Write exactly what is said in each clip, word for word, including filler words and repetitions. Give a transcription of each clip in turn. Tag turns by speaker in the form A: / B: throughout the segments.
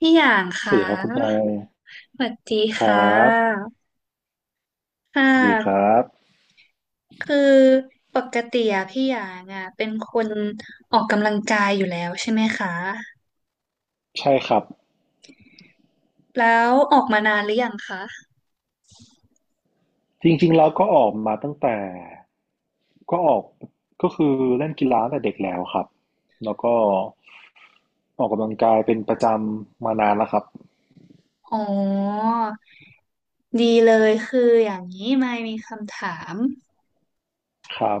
A: พี่อย่าง
B: ส
A: ค่ะ
B: วัสดีครับคุณไล
A: สวัสดี
B: คร
A: ค่
B: ับ
A: ะค่
B: ดีค
A: ะ
B: รับ
A: คือปกติอะพี่อย่างอะเป็นคนออกกำลังกายอยู่แล้วใช่ไหมคะ
B: ใช่ครับ
A: แล้วออกมานานหรือยังคะ
B: จริงๆแล้วก็ออกมาตั้งแต่ก็ออกก็คือเล่นกีฬาตั้งแต่เด็กแล้วครับแล้วก็ออกกำลังกายเป็นประจำมานานแล้วครับ
A: อ๋อ ดีเลยคืออย่างนี้ไม่มีคำถาม
B: ครับ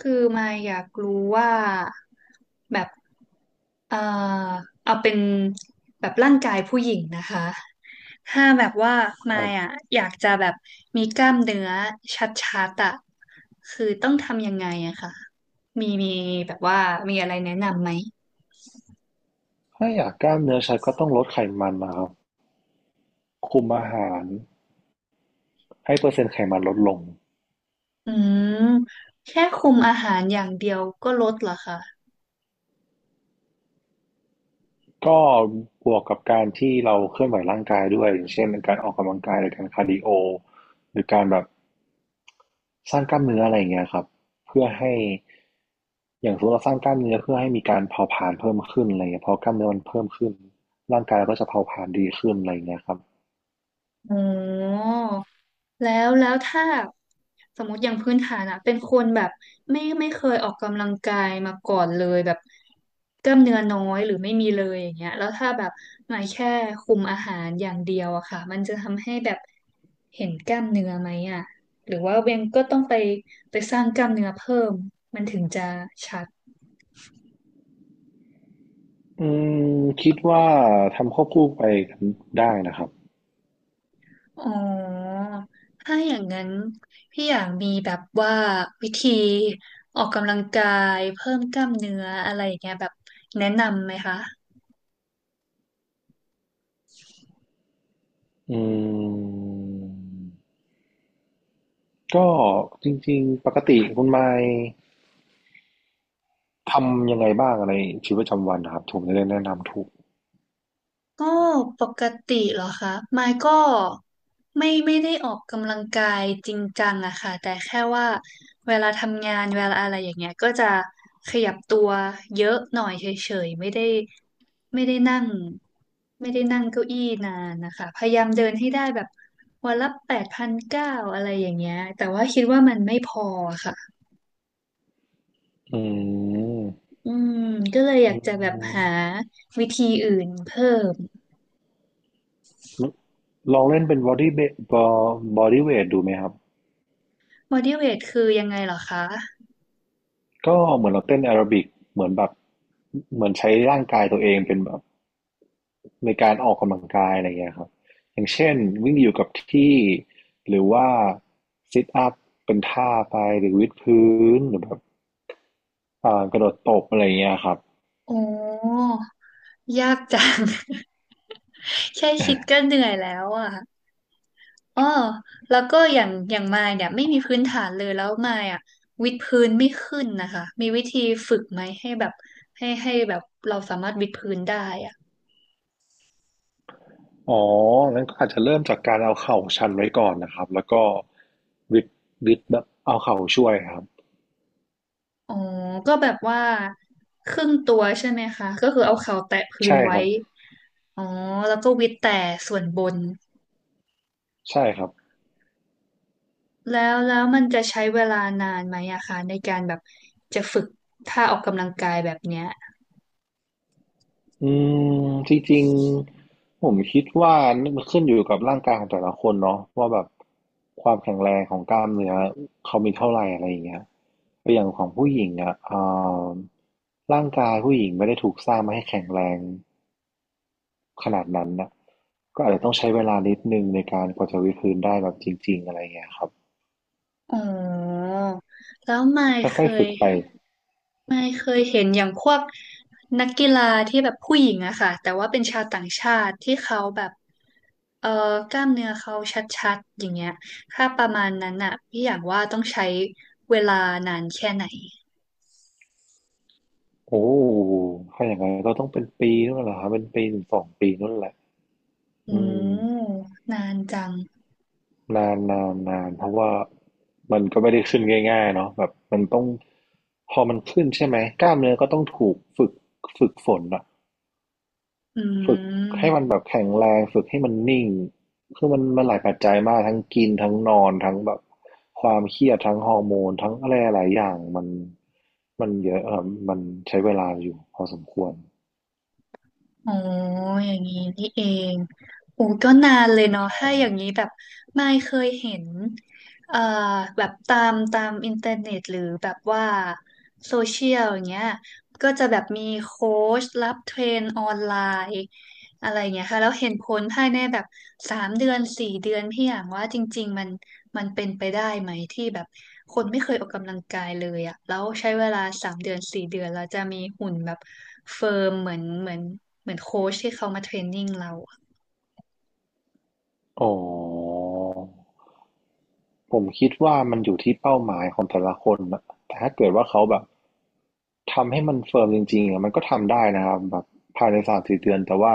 A: คือมายอยากรู้ว่าแบบเอ่อเอาเป็นแบบร่างกายผู้หญิงนะคะ ถ้าแบบว่า
B: ค
A: มา
B: รั
A: ย
B: บ
A: อ่ะอยากจะแบบมีกล้ามเนื้อชัดๆอ่ะคือต้องทำยังไงอะค่ะมีมีแบบว่ามีอะไรแนะนำไหม
B: ถ้าอยากกล้ามเนื้อชัดก็ต้องลดไขมันนะครับคุมอาหารให้เปอร์เซ็นต์ไขมันลดลง
A: อืม แค่คุมอาหารอย่างเดียวก็ลดเหรอคะ
B: ก็บวกกับการที่เราเคลื่อนไหวร่างกายด้วยอย่างเช่นการออกกำลังกายหรือการคาร์ดิโอหรือการแบบ สร้างกล้ามเนื้ออะไรอย่างเงี้ยครับเพื่อให้อย่างสมมติเราสร้างกล้ามเนื้อเพื่อให้มีการเผาผลาญเพิ่มขึ้นอะไรเงี้ยพอกล้ามเนื้อมันเพิ่มขึ้นร่างกายเราก็จะเผาผลาญดีขึ้นอะไร่เงี้ยครับ
A: อ๋อแล้วแล้วถ้าสมมติอย่างพื้นฐานอะเป็นคนแบบไม่ไม่เคยออกกำลังกายมาก่อนเลยแบบกล้ามเนื้อน้อยหรือไม่มีเลยอย่างเงี้ยแล้วถ้าแบบมาแค่คุมอาหารอย่างเดียวอะค่ะมันจะทำให้แบบเห็นกล้ามเนื้อไหมอะหรือว่าเบนก็ต้องไปไปสร้างกล้ามเนื้อเพิ่มมันถึงจะชัด
B: อืมคิดว่าทำควบคู่ไปกันได้นะครับ
A: อ๋อ ถ้าอย่างนั้นพี่อยากมีแบบว่าวิธีออกกำลังกายเพิ่มกล้ามเนื้ออะไรอย่างเงี้ยแบบแนะนำไหมคะ
B: อืมก็จริงๆปกติคุณไมค์ทำยังไงบ้างอะไนชีวิตประจำวันนะครับผมจะได้แนะนำถูก
A: ก็ปกติเหรอคะมายก็ไม่ไม่ได้ออกกำลังกายจริงจังอะค่ะแต่แค่ว่าเวลาทำงานเวลาอะไรอย่างเงี้ยก็จะขยับตัวเยอะหน่อยเฉยๆไม่ได้ไม่ได้นั่งไม่ได้นั่งเก้าอี้นานนะคะพยายามเดินให้ได้แบบวันละแปดพันเก้าอะไรอย่างเงี้ยแต่ว่าคิดว่ามันไม่พอค่ะ
B: อืม
A: อืมก็เลยอยาก
B: อื
A: จะแบบ
B: ม
A: หาวิธีอื่นเพิ่ม
B: ลองเล่นเป็น body weight body weight ดูไหมครับ
A: บอดี้ ดับเบิลยู อี ไอ จี คือยังไงเหรอคะ
B: ก็เหมือนเราเต้นแอโรบิกเหมือนแบบเหมือนใช้ร่างกายตัวเองเป็นแบบในการออกกำลังกายอะไรเงี้ยครับอย่างเช่นวิ่งอยู่กับที่หรือว่าซิทอัพเป็นท่าไปหรือวิดพื้นหรือแบบอ่ากระโดดตบอะไรเงี้ยครับ
A: โอ้ยากจัง แค่คิดก็เหนื่อยแล้วอ่ะอ๋อแล้วก็อย่างอย่างมายเนี่ยไม่มีพื้นฐานเลยแล้วมายอ่ะวิดพื้นไม่ขึ้นนะคะมีวิธีฝึกไหมให้แบบให้ให้แบบเราสามารถวิดพื้นได้อ่ะ
B: อ๋องั้นก็อาจจะเริ่มจากการเอาเข่าชันไว้ก่อนนะครับแล้วก็วิดวิดแบบเอาเข่าช่วยครับ
A: อ๋อก็แบบว่าครึ่งตัวใช่ไหมคะก็คือเอาเข่าแตะพื้น
B: ใช่ค
A: ไว้
B: รับ
A: อ๋อแล้วก็วิดแต่ส่วนบน
B: ใช่ครับ
A: แล้วแล้วมันจะใช้เวลานานไหมอะคะในการแบบจะฝึกท่าออกกำลังกายแบบเนี้ย
B: อืมจริงๆผมคิดว่ามันขึ้นอยู่กับร่างกายของแต่ละคนเนาะว่าแบบความแข็งแรงของกล้ามเนื้อเขามีเท่าไหร่อะไรอย่างเงี้ยอย่างของผู้หญิงอ่ะเอ่อร่างกายผู้หญิงไม่ได้ถูกสร้างมาให้แข็งแรงขนาดนั้นนะก็อาจจะต้องใช้เวลานิดนึงในการกว่าจะวิดพื้นได้แบบจริงๆอะไรอย่างเงี้ยครับ
A: อ๋อแล้วไม่
B: ค่
A: เค
B: อยๆฝึ
A: ย
B: กไป
A: ไม่เคยเห็นอย่างพวกนักกีฬาที่แบบผู้หญิงอะค่ะแต่ว่าเป็นชาวต่างชาติที่เขาแบบเอ่อกล้ามเนื้อเขาชัดๆอย่างเงี้ยถ้าประมาณนั้นอะพี่อยากว่าต้องใช้เวลานานแค่ไหน
B: โอ้ถ้าอย่างนั้นก็ต้องเป็นปีนู่นแหละครับเป็นปีถึงสองปีนู่นแหละ
A: อื
B: อืม
A: มนานจัง
B: นานนานนานเพราะว่ามันก็ไม่ได้ขึ้นง่ายๆเนาะแบบมันต้องพอมันขึ้นใช่ไหมกล้ามเนื้อก็ต้องถูกฝึกฝึกฝนอะ
A: อื
B: ฝึกให้มั
A: ม
B: นแบบแข็งแรงฝึกให้มันนิ่งคือมันมันหลายปัจจัยมากทั้งกินทั้งนอนทั้งแบบความเครียดทั้งฮอร์โมนทั้งอะไรหลายอย่างมันมันเยอะเออมันใช้เวลาอยู่พอสมควร
A: อ๋ออย่างนี้นี่เองโอ้ก็นานเลยเนาะถ้าอย่างนี้แบบไม่เคยเห็นเอ่อแบบตามตามอินเทอร์เน็ตหรือแบบว่าโซเชียลอย่างเงี้ยก็จะแบบมีโค้ชรับเทรนออนไลน์ อะไรเงี้ยค่ะแล้วเห็นผลภายในแบบสามเดือนสี่เดือนพี่อย่างว่าจริงๆมันมันเป็นไปได้ไหมที่แบบคนไม่เคยออกกำลังกายเลยอะแล้วใช้เวลาสามเดือนสี่เดือนเราจะมีหุ่นแบบเฟิร์มเหมือนเหมือนเหมือนโค้ชที่เขามาเทรนนิ่งเราอะ
B: อ๋อ ผมคิดว่ามันอยู่ที่เป้าหมายของแต่ละคนนะแต่ถ้าเกิดว่าเขาแบบทำให้มันเฟิร์มจริงๆอะมันก็ทำได้นะครับแบบภายในสามสี่เดือนแต่ว่า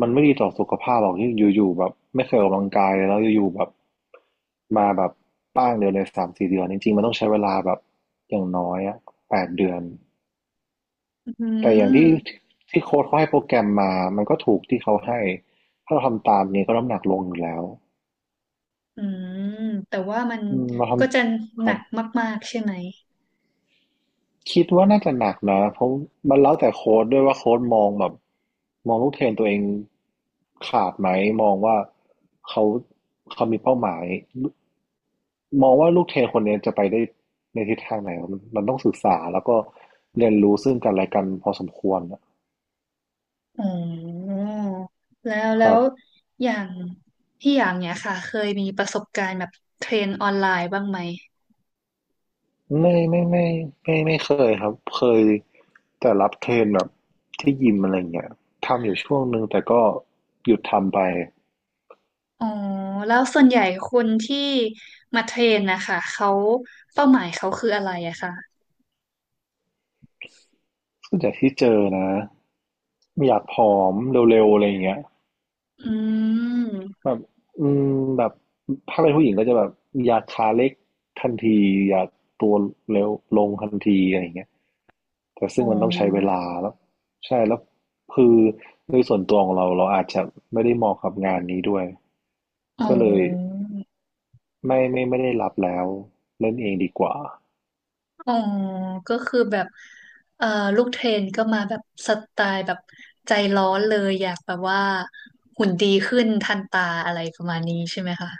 B: มันไม่ดีต่อสุขภาพหรอกที่อยู่ๆแบบไม่เคยออกกำลังกายเลยแล้วอยู่ๆแบบมาแบบป้างเดียวในสามสี่เดือนจริงๆมันต้องใช้เวลาแบบอย่างน้อยอะแปดเดือน
A: อื
B: แต่อย่างที่
A: ม
B: ที่โค้ชเขาให้โปรแกรมมามันก็ถูกที่เขาให้ถ้าเราทำตามนี้ก็น้ำหนักลงอยู่แล้ว
A: อืมแต่ว่ามัน
B: อืมเราท
A: ก็จะ
B: ำค
A: หนั
B: รับ
A: กมากๆใช่ไหม
B: คิดว่าน่าจะหนักนะเพราะมันแล้วแต่โค้ดด้วยว่าโค้ดมองแบบมองลูกเทรนตัวเองขาดไหมมองว่าเขาเขามีเป้าหมายมองว่าลูกเทรนคนนี้จะไปได้ในทิศทางไหนมันมันต้องศึกษาแล้วก็เรียนรู้ซึ่งกันและกันพอสมควรนะ
A: อ๋อแล้ว
B: ค
A: แล้
B: รับ
A: วอย่างพี่อย่างเนี้ยค่ะเคยมีประสบการณ์แบบเทรนออนไลน์บ้างไหม
B: ไม่ไม่ไม่ไม่ไม่เคยครับเคยแต่รับเทรนแบบที่ยิมอะไรเงี้ยทำอยู่ช่วงหนึ่งแต่ก็หยุดทำไป
A: อ๋อแล้วส่วนใหญ่คนที่มาเทรนนะคะเขาเป้าหมายเขาคืออะไรอะค่ะ
B: ส่วนใหญ่ที่เจอนะ อยากผอมเร็วๆอะไรอย่างเงี้ย
A: อืม
B: แบบอืมแบบถ้าเป็นผู้หญิงก็จะแบบอยากขาเล็กทันทีอยากตัวเร็วลงทันทีอะไรอย่างเงี้ยแต่
A: อ๋
B: ซึ่งมันต้องใช้เว
A: อ
B: ลาแล้วใช่ แล้วคือโดยส่วนตัวของเราเราอาจจะไม่ได้เหมาะกับงานนี้ด้วย
A: อ๋
B: ก็เลย
A: อ
B: ไม่ไม่ไม่ได้รับแล้วเล่นเองดีกว่า
A: อ๋อก็คือแบบเอ่อลูกเทรนก็มาแบบสไตล์แบบใจร้อนเลยอยากแบบว่าหุ่นดีขึ้นทันตาอะไรประมาณนี้ใช่ไหมคะ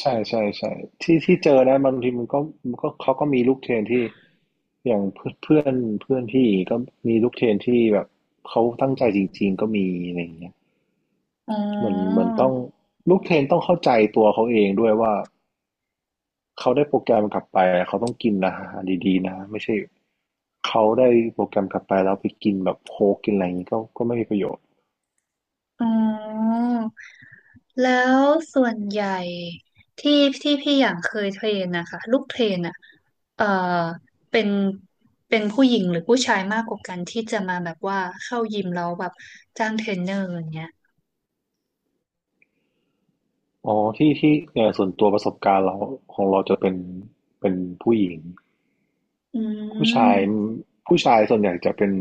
B: ใช่ใช่ใช่ที่ที่เจอนะบางทีมันก็มันก็เขาก็มีลูกเทรนที่อย่างเพื่อนเพื่อนเพื่อนพี่ก็มีลูกเทรนที่แบบเขาตั้งใจจริงๆก็มีอะไรอย่างเงี้ย
A: อ๋
B: เหมือนเห
A: อ
B: มือนต้องลูกเทรนต้องเข้าใจตัวเขาเองด้วยว่าเขาได้โปรแกรมกลับไปเขาต้องกินอาหารดีๆนะไม่ใช่เขาได้โปรแกรมกลับไปแล้วไปกินแบบโค้กกินอะไรอย่างงี้ก็ก็ไม่มีประโยชน์
A: อ๋อ แล้วส่วนใหญ่ที่ที่พี่อย่างเคยเทรนนะคะลูกเทรนอ่ะเอ่อเป็นเป็นผู้หญิงหรือผู้ชายมากกว่ากันที่จะมาแบบว่าเข้ายิมแล้วแบบจ้างเทรนเนอร์อย่างเงี้ย
B: อ๋อที่ที่เนี่ยส่วนตัวประสบการณ์เราของเราจะเป็นเป็นผู้หญิง
A: อื
B: ผู้ชาย
A: ม
B: ผู้ชายส่วนใหญ่จะเป็น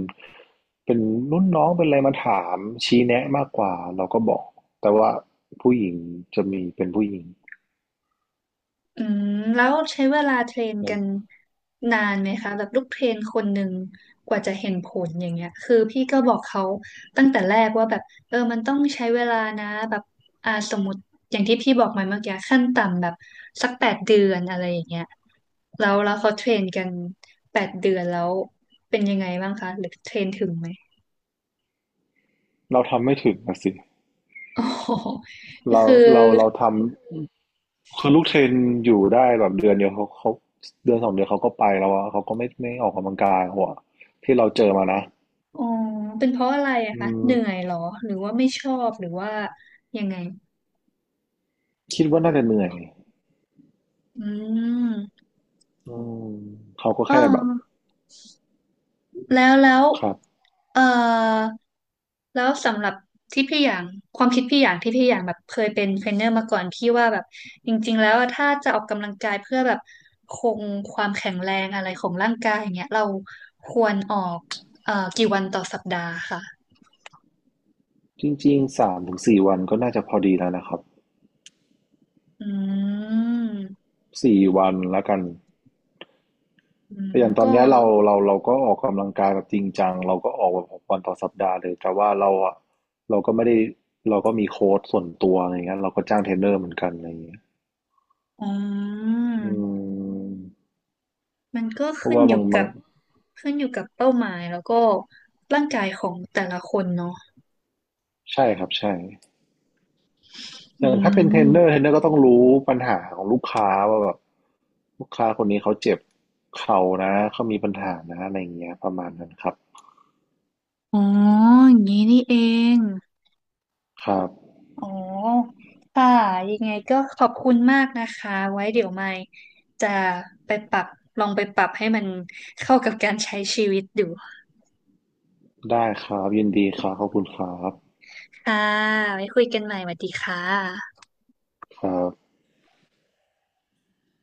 B: เป็นรุ่นน้องเป็นอะไรมาถามชี้แนะมากกว่าเราก็บอก แต่ว่าผู้หญิงจะมีเป็นผู้หญิง
A: อืมแล้วใช้เวลาเทรนกันนานไหมคะแบบลูกเทรนคนหนึ่งกว่าจะเห็นผลอย่างเงี้ยคือพี่ก็บอกเขาตั้งแต่แรกว่าแบบเออมันต้องใช้เวลานะแบบอ่าสมมติอย่างที่พี่บอกมาเมื่อกี้ขั้นต่ำแบบสักแปดเดือนอะไรอย่างเงี้ยแล้วแล้วเขาเทรนกันแปดเดือนแล้วเป็นยังไงบ้างคะหรือเทรนถึงไหม
B: เราทำไม่ถึงนะสิ
A: โอ๋ อ
B: เรา
A: คือ
B: เราเราทำคือลูกเทรนอยู่ได้แบบเดือนเดียวเขาเขาเดือนสองเดือนเขาก็ไปแล้วอะเขาก็ไม่ไม่ออกกำลังกายหัวที่เราเจอมานะ
A: อ๋อเป็นเพราะอะไรอะ
B: อื
A: คะ
B: ม
A: เหนื่อยเหรอหรือว่าไม่ชอบหรือว่ายังไง
B: คิดว่าน่าจะเหนื่อย
A: อืม
B: อืมเขาก็
A: อ๋อ
B: แค่แบบ
A: แล้วแล้ว
B: ครับ
A: เอ่อแล้วสำหรับที่พี่อย่างความคิดพี่อย่างที่พี่อย่างแบบเคยเป็นเทรนเนอร์มาก่อนพี่ว่าแบบจริงๆแล้วอะถ้าจะออกกำลังกายเพื่อแบบคงความแข็งแรงอะไรของร่างกายอย่างเงี้ยเราควรออกเอ่อกี่วันต่อสัปดาห์ค่ะ
B: จริงๆสามถึงสี่วันก็น่าจะพอดีแล้วนะครับ
A: อืม
B: สี่วันแล้วกัน
A: อืม
B: อย่างตอ
A: ก็
B: นเนี้ยเราเราเราก็ออกกำลังกายแบบจริงจังเราก็ออกแบบหกวันต่อสัปดาห์เลยแต่ว่าเราอะเราก็ไม่ได้เราก็มีโค้ชส่วนตัวอะไรเงี้ยเราก็จ้างเทรนเนอร์เหมือนกันอะไรเงี้ย
A: อื
B: อื
A: ม
B: ม
A: มันก็
B: เพราะ
A: ขึ้น
B: ว่า
A: อ
B: บา
A: ยู่
B: งบา
A: กั
B: ง
A: บขึ้นอยู่กับเป้าหมายแล้วก็ร่างกายของแต่ละคนเนาะ
B: ใช่ครับใช่อ
A: อื
B: ย่างถ้าเป็นเทรนเนอ
A: ม
B: ร์เทรนเนอร์ก็ต้องรู้ปัญหาของลูกค้าว่าแบบลูกค้าคนนี้เขาเจ็บเข่านะเขามีปัญหานะอะไรเงี้ยประมาณนั้นครับ
A: อ๋ออย่างนี้นี่เอง
B: ครับ
A: อ๋อ ค่ะ ยังไงก็ขอบคุณมากนะคะ ไว้เดี๋ยวไม่จะไปปรับ ลองไปปรับให้มันเข้ากับการใช้ชีวิตดู
B: ได้ครับยินดีครับขอบคุณครับ
A: ค่ะไว้คุยกันใหม่สวัสดีค่ะ
B: ครับ